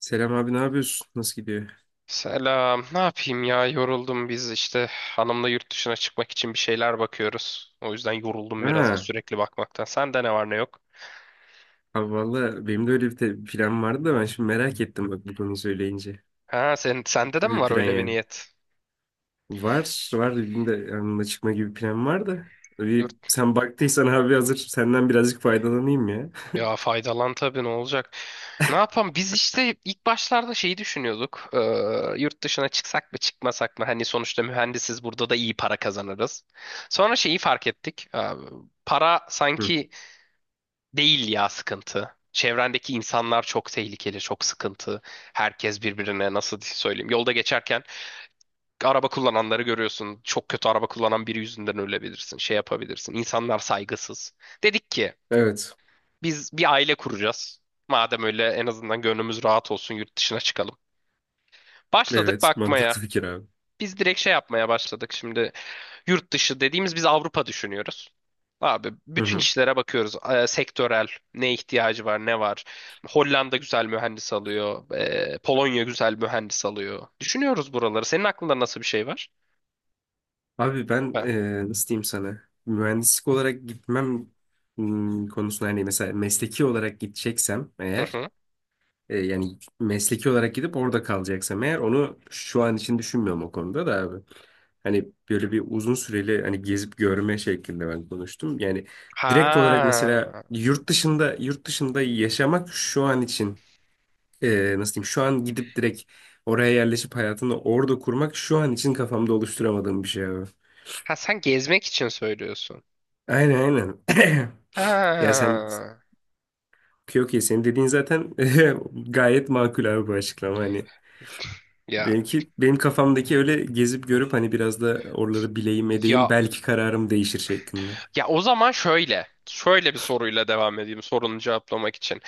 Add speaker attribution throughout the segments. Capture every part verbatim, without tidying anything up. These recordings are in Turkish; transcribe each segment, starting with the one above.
Speaker 1: Selam abi, ne yapıyorsun? Nasıl gidiyor?
Speaker 2: Selam. Ne yapayım ya? Yoruldum, biz işte hanımla yurt dışına çıkmak için bir şeyler bakıyoruz. O yüzden yoruldum biraz da
Speaker 1: Ha,
Speaker 2: sürekli bakmaktan. Sende ne var ne yok?
Speaker 1: abi valla benim de öyle bir te- plan vardı da ben şimdi merak ettim, bak, bu konuyu söyleyince.
Speaker 2: Ha, sen
Speaker 1: Ne
Speaker 2: sende de
Speaker 1: gibi
Speaker 2: mi
Speaker 1: bir
Speaker 2: var
Speaker 1: plan
Speaker 2: öyle bir
Speaker 1: yani?
Speaker 2: niyet?
Speaker 1: Var, var benim de yanına çıkma gibi bir plan var da. Bir,
Speaker 2: Yurt
Speaker 1: sen baktıysan abi hazır senden birazcık faydalanayım ya.
Speaker 2: Ya faydalan tabii, ne olacak? Ne yapalım? Biz işte ilk başlarda şeyi düşünüyorduk. Ee, yurt dışına çıksak mı çıkmasak mı? Hani sonuçta mühendisiz, burada da iyi para kazanırız. Sonra şeyi fark ettik. Ee, para
Speaker 1: Hı.
Speaker 2: sanki değil ya, sıkıntı. Çevrendeki insanlar çok tehlikeli, çok sıkıntı. Herkes birbirine nasıl söyleyeyim. Yolda geçerken araba kullananları görüyorsun. Çok kötü araba kullanan biri yüzünden ölebilirsin. Şey yapabilirsin. İnsanlar saygısız. Dedik ki
Speaker 1: Evet.
Speaker 2: biz bir aile kuracağız. Madem öyle en azından gönlümüz rahat olsun, yurt dışına çıkalım. Başladık
Speaker 1: Evet,
Speaker 2: bakmaya.
Speaker 1: mantıklı fikir abi.
Speaker 2: Biz direkt şey yapmaya başladık şimdi. Yurt dışı dediğimiz biz Avrupa düşünüyoruz. Abi
Speaker 1: Hı
Speaker 2: bütün
Speaker 1: hı.
Speaker 2: işlere bakıyoruz. Ee, sektörel ne ihtiyacı var, ne var. Hollanda güzel mühendis alıyor. Ee, Polonya güzel mühendis alıyor. Düşünüyoruz buraları. Senin aklında nasıl bir şey var?
Speaker 1: Abi ben
Speaker 2: Ha.
Speaker 1: e, nasıl diyeyim sana? Mühendislik olarak gitmem hmm, konusunda, hani mesela mesleki olarak gideceksem
Speaker 2: Hı
Speaker 1: eğer.
Speaker 2: hı.
Speaker 1: E, yani mesleki olarak gidip orada kalacaksam eğer, onu şu an için düşünmüyorum o konuda da abi. Hani böyle bir uzun süreli hani gezip görme şeklinde ben konuştum. Yani direkt olarak
Speaker 2: Ha.
Speaker 1: mesela yurt dışında yurt dışında yaşamak şu an için, e, nasıl diyeyim, şu an gidip direkt oraya yerleşip hayatını orada kurmak şu an için kafamda oluşturamadığım bir şey abi.
Speaker 2: Ha, sen gezmek için söylüyorsun.
Speaker 1: Aynen aynen. Ya sen,
Speaker 2: Ha.
Speaker 1: okey okey, senin dediğin zaten gayet makul abi bu açıklama hani.
Speaker 2: Ya
Speaker 1: Benimki, benim kafamdaki öyle gezip görüp hani biraz da oraları bileyim edeyim
Speaker 2: ya
Speaker 1: belki kararım değişir şeklinde.
Speaker 2: ya o zaman şöyle. Şöyle bir soruyla devam edeyim sorunu cevaplamak için.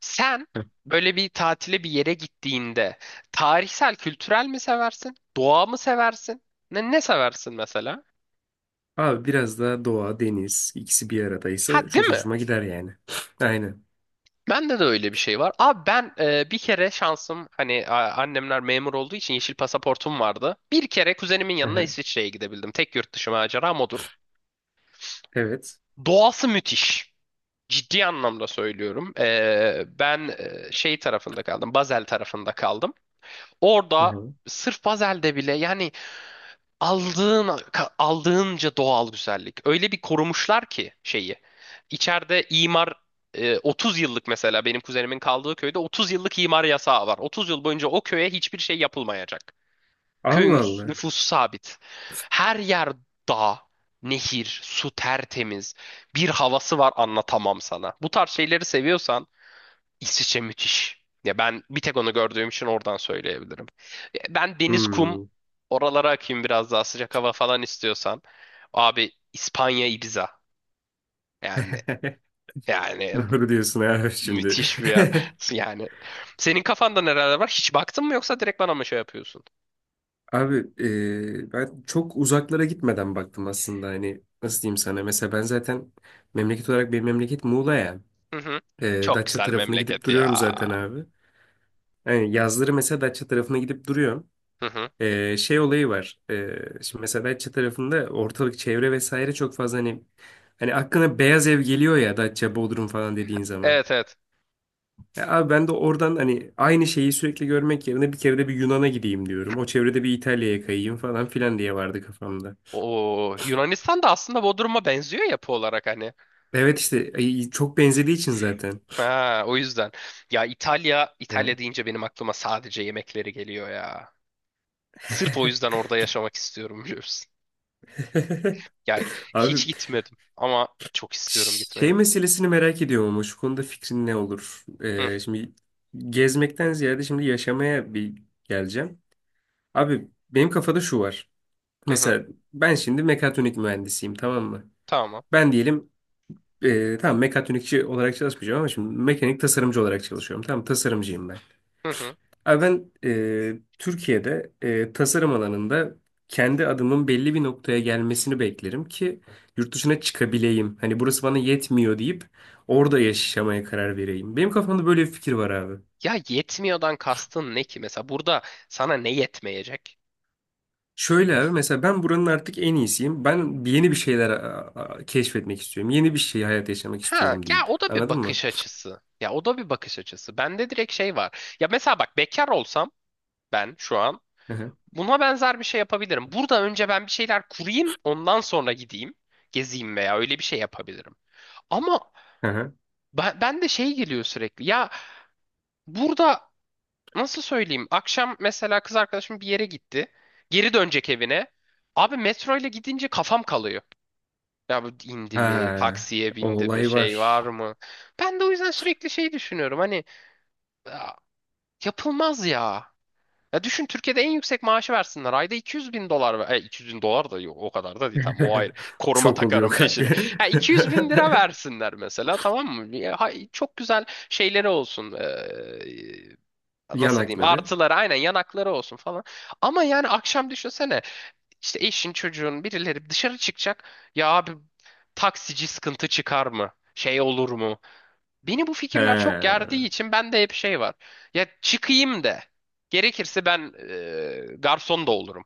Speaker 2: Sen böyle bir tatile bir yere gittiğinde tarihsel, kültürel mi seversin? Doğa mı seversin? Ne, ne seversin mesela?
Speaker 1: Abi biraz daha doğa, deniz ikisi bir aradaysa
Speaker 2: Ha, değil
Speaker 1: çok
Speaker 2: mi?
Speaker 1: hoşuma gider yani. Aynen.
Speaker 2: Bende de öyle bir şey var. Abi ben e, bir kere şansım hani a- annemler memur olduğu için yeşil pasaportum vardı. Bir kere kuzenimin yanına
Speaker 1: Aha,
Speaker 2: İsviçre'ye gidebildim. Tek yurt dışı maceram odur.
Speaker 1: evet.
Speaker 2: Doğası müthiş. Ciddi anlamda söylüyorum. E, ben e, şey tarafında kaldım. Basel tarafında kaldım. Orada
Speaker 1: Aha.
Speaker 2: sırf Basel'de bile yani aldığın aldığınca doğal güzellik. Öyle bir korumuşlar ki şeyi. İçeride imar e, otuz yıllık, mesela benim kuzenimin kaldığı köyde otuz yıllık imar yasağı var. otuz yıl boyunca o köye hiçbir şey yapılmayacak. Köyün
Speaker 1: Allah Allah.
Speaker 2: nüfusu sabit. Her yer dağ, nehir, su tertemiz. Bir havası var, anlatamam sana. Bu tarz şeyleri seviyorsan İsviçre müthiş. Ya ben bir tek onu gördüğüm için oradan söyleyebilirim. Ya ben deniz, kum,
Speaker 1: Hmm.
Speaker 2: oralara akayım, biraz daha sıcak hava falan istiyorsan. Abi İspanya, Ibiza. Yani yani
Speaker 1: Doğru diyorsun abi şimdi.
Speaker 2: müthiş bir yer. Yani senin kafanda nereler var? Hiç baktın mı yoksa direkt bana mı şey yapıyorsun?
Speaker 1: Abi e, ben çok uzaklara gitmeden baktım aslında, hani nasıl diyeyim sana. Mesela ben zaten memleket olarak benim memleket Muğla ya.
Speaker 2: Hı hı.
Speaker 1: E,
Speaker 2: Çok
Speaker 1: Datça
Speaker 2: güzel
Speaker 1: tarafına gidip
Speaker 2: memleket
Speaker 1: duruyorum
Speaker 2: ya.
Speaker 1: zaten abi. Yani yazları mesela Datça tarafına gidip duruyorum.
Speaker 2: Hı hı.
Speaker 1: Ee, şey olayı var. Ee, şimdi mesela Datça tarafında ortalık çevre vesaire çok fazla hani hani aklına beyaz ev geliyor ya Datça, Bodrum falan dediğin zaman.
Speaker 2: Evet, evet.
Speaker 1: Ya abi ben de oradan hani aynı şeyi sürekli görmek yerine bir kere de bir Yunan'a gideyim diyorum. O çevrede bir İtalya'ya kayayım falan filan diye vardı kafamda.
Speaker 2: O Yunanistan da aslında Bodrum'a benziyor yapı olarak hani.
Speaker 1: Evet işte ay, çok benzediği için zaten.
Speaker 2: Ha, o yüzden. Ya İtalya, İtalya
Speaker 1: Ha.
Speaker 2: deyince benim aklıma sadece yemekleri geliyor ya. Sırf o yüzden orada
Speaker 1: Gitti.
Speaker 2: yaşamak istiyorum, biliyor musun? Ya, hiç
Speaker 1: Abi
Speaker 2: gitmedim ama çok istiyorum
Speaker 1: şey
Speaker 2: gitmeyi.
Speaker 1: meselesini merak ediyorum ama şu konuda fikrin ne olur?
Speaker 2: Hı
Speaker 1: Ee, şimdi gezmekten ziyade şimdi yaşamaya bir geleceğim. Abi benim kafada şu var.
Speaker 2: hı hı.
Speaker 1: Mesela ben şimdi mekatronik mühendisiyim, tamam mı?
Speaker 2: Tamam.
Speaker 1: Ben diyelim e, tamam mekatronikçi olarak çalışmayacağım ama şimdi mekanik tasarımcı olarak çalışıyorum. Tamam, tasarımcıyım ben.
Speaker 2: Hı hı.
Speaker 1: Abi ben e, Türkiye'de e, tasarım alanında kendi adımın belli bir noktaya gelmesini beklerim ki yurt dışına çıkabileyim. Hani burası bana yetmiyor deyip orada yaşamaya karar vereyim. Benim kafamda böyle bir fikir var abi.
Speaker 2: Ya, yetmiyordan kastın ne ki? Mesela burada sana ne yetmeyecek?
Speaker 1: Şöyle abi, mesela ben buranın artık en iyisiyim. Ben yeni bir şeyler a- a- keşfetmek istiyorum. Yeni bir şey, hayat yaşamak
Speaker 2: Ha,
Speaker 1: istiyorum
Speaker 2: ya
Speaker 1: deyip.
Speaker 2: o da bir
Speaker 1: Anladın mı?
Speaker 2: bakış açısı. Ya o da bir bakış açısı. Bende direkt şey var. Ya mesela bak, bekar olsam ben şu an
Speaker 1: Hı hı.
Speaker 2: buna benzer bir şey yapabilirim. Burada önce ben bir şeyler kurayım, ondan sonra gideyim, gezeyim veya öyle bir şey yapabilirim. Ama
Speaker 1: Hı hı.
Speaker 2: ben, ben de şey geliyor sürekli. Ya, burada nasıl söyleyeyim? Akşam mesela kız arkadaşım bir yere gitti. Geri dönecek evine. Abi metro ile gidince kafam kalıyor. Ya bu indi mi,
Speaker 1: Ha,
Speaker 2: taksiye
Speaker 1: o
Speaker 2: bindi mi,
Speaker 1: olay
Speaker 2: şey
Speaker 1: var.
Speaker 2: var mı? Ben de o yüzden sürekli şey düşünüyorum. Hani "Ya, yapılmaz ya. Ya düşün Türkiye'de en yüksek maaşı versinler. Ayda iki yüz bin dolar. ver- E, iki yüz bin dolar da yok, o kadar da değil. Tamam o ayrı. Koruma
Speaker 1: Çok oluyor
Speaker 2: takarım
Speaker 1: kanka.
Speaker 2: peşine. Ha, iki yüz bin lira versinler mesela, tamam mı? Ya, ha- çok güzel şeyleri olsun. Ee, nasıl diyeyim?
Speaker 1: Yanakları.
Speaker 2: Artıları aynen yanakları olsun falan. Ama yani akşam düşünsene, işte eşin çocuğun birileri dışarı çıkacak. Ya abi, taksici sıkıntı çıkar mı? Şey olur mu? Beni bu
Speaker 1: He.
Speaker 2: fikirler çok gerdiği için bende hep şey var. Ya, çıkayım de. Gerekirse ben e, garson da olurum.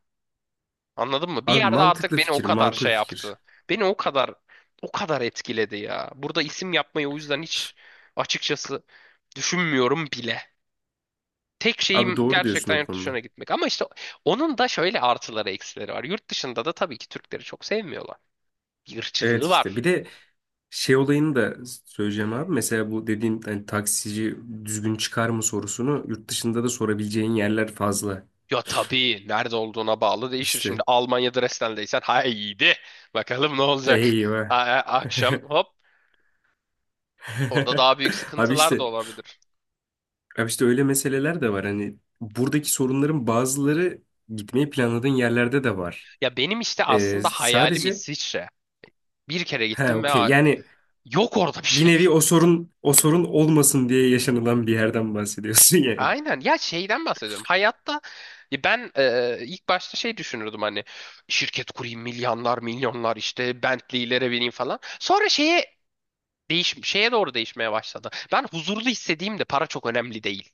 Speaker 2: Anladın mı? Bir
Speaker 1: Abi
Speaker 2: yerde artık
Speaker 1: mantıklı
Speaker 2: beni o
Speaker 1: fikir,
Speaker 2: kadar
Speaker 1: makul
Speaker 2: şey
Speaker 1: fikir.
Speaker 2: yaptı. Beni o kadar o kadar etkiledi ya. Burada isim yapmayı o yüzden hiç açıkçası düşünmüyorum bile. Tek
Speaker 1: Abi
Speaker 2: şeyim
Speaker 1: doğru diyorsun
Speaker 2: gerçekten
Speaker 1: o
Speaker 2: yurt
Speaker 1: konuda.
Speaker 2: dışına gitmek. Ama işte onun da şöyle artıları eksileri var. Yurt dışında da tabii ki Türkleri çok sevmiyorlar. Bir
Speaker 1: Evet
Speaker 2: ırkçılığı
Speaker 1: işte
Speaker 2: var.
Speaker 1: bir de şey olayını da söyleyeceğim abi. Mesela bu dediğim hani taksici düzgün çıkar mı sorusunu yurt dışında da sorabileceğin yerler fazla.
Speaker 2: Ya tabii nerede olduğuna bağlı değişir. Şimdi
Speaker 1: İşte
Speaker 2: Almanya'da Dresden'deysen haydi bakalım ne olacak. A-
Speaker 1: eyvah.
Speaker 2: a- akşam hop, orada daha büyük
Speaker 1: Abi
Speaker 2: sıkıntılar da
Speaker 1: işte
Speaker 2: olabilir.
Speaker 1: abi işte öyle meseleler de var. Hani buradaki sorunların bazıları gitmeyi planladığın yerlerde de var.
Speaker 2: Ya benim işte
Speaker 1: Ee,
Speaker 2: aslında hayalim
Speaker 1: sadece
Speaker 2: İsviçre. Bir kere
Speaker 1: he
Speaker 2: gittim ve
Speaker 1: okey,
Speaker 2: a-
Speaker 1: yani
Speaker 2: yok orada bir
Speaker 1: bir
Speaker 2: şey.
Speaker 1: nevi o sorun o sorun olmasın diye yaşanılan bir yerden bahsediyorsun yani.
Speaker 2: Aynen ya, şeyden bahsediyorum. Hayatta ya ben e, ilk başta şey düşünürdüm, hani şirket kurayım, milyonlar milyonlar işte Bentley'lere bineyim falan. Sonra şeye değiş şeye doğru değişmeye başladı. Ben huzurlu hissediğimde para çok önemli değil.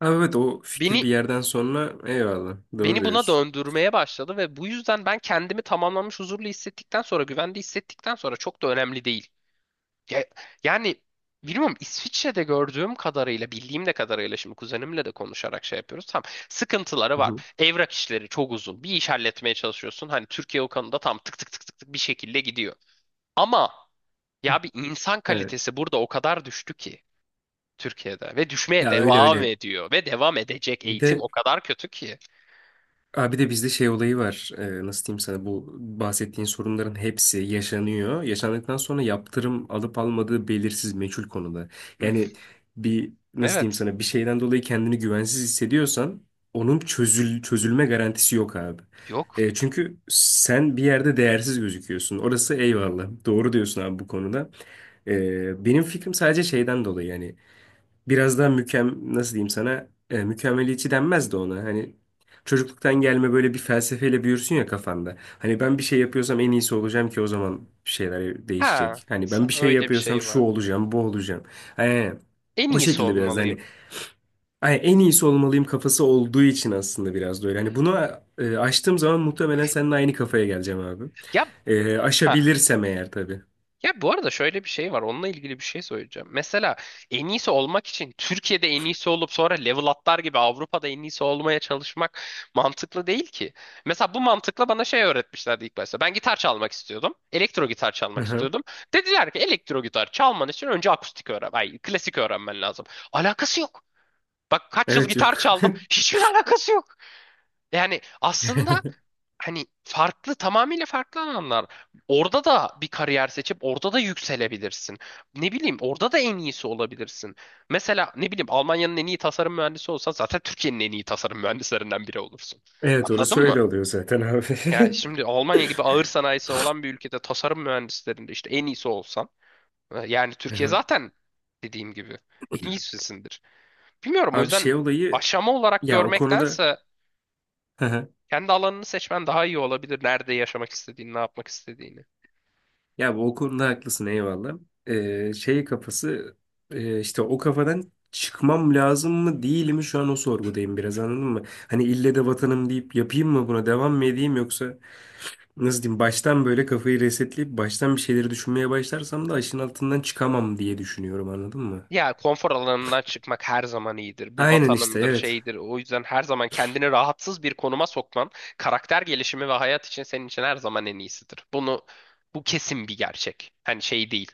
Speaker 1: Ama evet, o fikir
Speaker 2: Beni
Speaker 1: bir yerden sonra eyvallah, doğru
Speaker 2: beni buna
Speaker 1: diyorsun.
Speaker 2: döndürmeye başladı ve bu yüzden ben kendimi tamamlanmış huzurlu hissettikten sonra, güvende hissettikten sonra çok da önemli değil. Ya- yani bilmiyorum, İsviçre'de gördüğüm kadarıyla, bildiğim de kadarıyla şimdi kuzenimle de konuşarak şey yapıyoruz. Tam sıkıntıları
Speaker 1: Hı
Speaker 2: var.
Speaker 1: hı.
Speaker 2: Evrak işleri çok uzun. Bir iş halletmeye çalışıyorsun. Hani Türkiye o konuda tam tık tık tık tık tık bir şekilde gidiyor. Ama ya, bir insan
Speaker 1: Evet.
Speaker 2: kalitesi burada o kadar düştü ki Türkiye'de, ve düşmeye
Speaker 1: Ya öyle
Speaker 2: devam
Speaker 1: öyle.
Speaker 2: ediyor ve devam edecek,
Speaker 1: Bir
Speaker 2: eğitim
Speaker 1: de
Speaker 2: o kadar kötü ki.
Speaker 1: Abi de bizde şey olayı var. Ee, nasıl diyeyim sana, bu bahsettiğin sorunların hepsi yaşanıyor. Yaşandıktan sonra yaptırım alıp almadığı belirsiz, meçhul konuda.
Speaker 2: Hı.
Speaker 1: Yani bir nasıl diyeyim
Speaker 2: Evet.
Speaker 1: sana, bir şeyden dolayı kendini güvensiz hissediyorsan onun çözül çözülme garantisi yok abi.
Speaker 2: Yok.
Speaker 1: Ee, çünkü sen bir yerde değersiz gözüküyorsun. Orası eyvallah. Doğru diyorsun abi bu konuda. Ee, benim fikrim sadece şeyden dolayı yani biraz daha mükem nasıl diyeyim sana, e, mükemmeliyetçi denmez de ona, hani çocukluktan gelme böyle bir felsefeyle büyürsün ya kafanda, hani ben bir şey yapıyorsam en iyisi olacağım ki o zaman bir şeyler
Speaker 2: Ha,
Speaker 1: değişecek, hani ben
Speaker 2: sen,
Speaker 1: bir şey
Speaker 2: öyle bir
Speaker 1: yapıyorsam
Speaker 2: şey
Speaker 1: şu
Speaker 2: var.
Speaker 1: olacağım bu olacağım. Aynen.
Speaker 2: En
Speaker 1: O
Speaker 2: iyisi
Speaker 1: şekilde biraz
Speaker 2: olmalıyım.
Speaker 1: hani, ay, en iyisi olmalıyım kafası olduğu için aslında biraz da öyle hani, bunu e, aştığım zaman muhtemelen seninle aynı kafaya geleceğim abi.
Speaker 2: Ya,
Speaker 1: E,
Speaker 2: ha.
Speaker 1: aşabilirsem eğer tabii.
Speaker 2: Ya bu arada şöyle bir şey var. Onunla ilgili bir şey söyleyeceğim. Mesela en iyisi olmak için Türkiye'de en iyisi olup sonra level atlar gibi Avrupa'da en iyisi olmaya çalışmak mantıklı değil ki. Mesela bu mantıkla bana şey öğretmişlerdi ilk başta. Ben gitar çalmak istiyordum. Elektro gitar çalmak
Speaker 1: Aha.
Speaker 2: istiyordum. Dediler ki elektro gitar çalman için önce akustik öğren. Ay, klasik öğrenmen lazım. Alakası yok. Bak kaç yıl
Speaker 1: Evet
Speaker 2: gitar
Speaker 1: yok.
Speaker 2: çaldım. Hiçbir alakası yok. Yani aslında hani farklı, tamamıyla farklı alanlar. Orada da bir kariyer seçip orada da yükselebilirsin. Ne bileyim, orada da en iyisi olabilirsin. Mesela ne bileyim, Almanya'nın en iyi tasarım mühendisi olsan zaten Türkiye'nin en iyi tasarım mühendislerinden biri olursun.
Speaker 1: Evet,
Speaker 2: Anladın
Speaker 1: orası
Speaker 2: mı?
Speaker 1: öyle oluyor zaten abi.
Speaker 2: Yani şimdi Almanya gibi ağır sanayisi olan bir ülkede tasarım mühendislerinde işte en iyisi olsan, e, yani
Speaker 1: Hı
Speaker 2: Türkiye
Speaker 1: hı.
Speaker 2: zaten dediğim gibi en iyisisindir. Bilmiyorum, o
Speaker 1: Abi
Speaker 2: yüzden
Speaker 1: şey olayı,
Speaker 2: aşama olarak
Speaker 1: ya o konuda,
Speaker 2: görmektense
Speaker 1: hı hı,
Speaker 2: kendi alanını seçmen daha iyi olabilir. Nerede yaşamak istediğini, ne yapmak istediğini.
Speaker 1: ya bu o konuda haklısın, eyvallah. Ee, şey kafası, e, işte o kafadan çıkmam lazım mı değil mi, şu an o sorgudayım biraz, anladın mı? Hani ille de vatanım deyip yapayım mı, buna devam mı edeyim, yoksa nasıl diyeyim, baştan böyle kafayı resetleyip baştan bir şeyleri düşünmeye başlarsam da aşın altından çıkamam diye düşünüyorum, anladın mı?
Speaker 2: Ya konfor alanından çıkmak her zaman iyidir. Bu
Speaker 1: Aynen işte,
Speaker 2: vatanımdır,
Speaker 1: evet.
Speaker 2: şeydir. O yüzden her zaman kendini rahatsız bir konuma sokman, karakter gelişimi ve hayat için senin için her zaman en iyisidir. Bunu, bu kesin bir gerçek. Hani şey değil.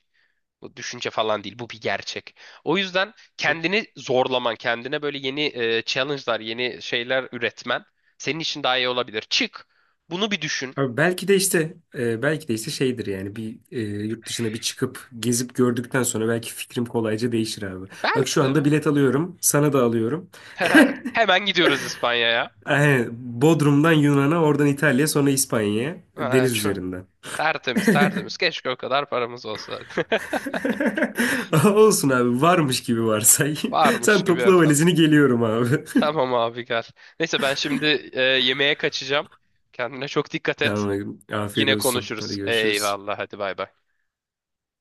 Speaker 2: Bu düşünce falan değil. Bu bir gerçek. O yüzden kendini zorlaman, kendine böyle yeni e, challenge'lar, yeni şeyler üretmen senin için daha iyi olabilir. Çık. Bunu bir düşün.
Speaker 1: Abi belki de işte e, belki de işte şeydir yani bir, e, yurt dışına bir çıkıp gezip gördükten sonra belki fikrim kolayca değişir abi. Bak
Speaker 2: Belki
Speaker 1: şu anda
Speaker 2: de.
Speaker 1: bilet alıyorum, sana da alıyorum.
Speaker 2: Hemen gidiyoruz İspanya'ya.
Speaker 1: Aynen, Bodrum'dan Yunan'a, oradan İtalya'ya, sonra İspanya'ya
Speaker 2: Ha,
Speaker 1: deniz
Speaker 2: şu-
Speaker 1: üzerinden.
Speaker 2: tertemiz tertemiz. Keşke o kadar paramız olsa.
Speaker 1: Olsun abi, varmış gibi varsay.
Speaker 2: Varmış
Speaker 1: Sen
Speaker 2: gibi
Speaker 1: topla
Speaker 2: efendim.
Speaker 1: valizini, geliyorum abi.
Speaker 2: Tamam abi gel. Neyse ben şimdi e, yemeğe kaçacağım. Kendine çok dikkat et.
Speaker 1: Tamam, afiyet
Speaker 2: Yine
Speaker 1: olsun. Hadi
Speaker 2: konuşuruz.
Speaker 1: görüşürüz.
Speaker 2: Eyvallah, hadi bay bay.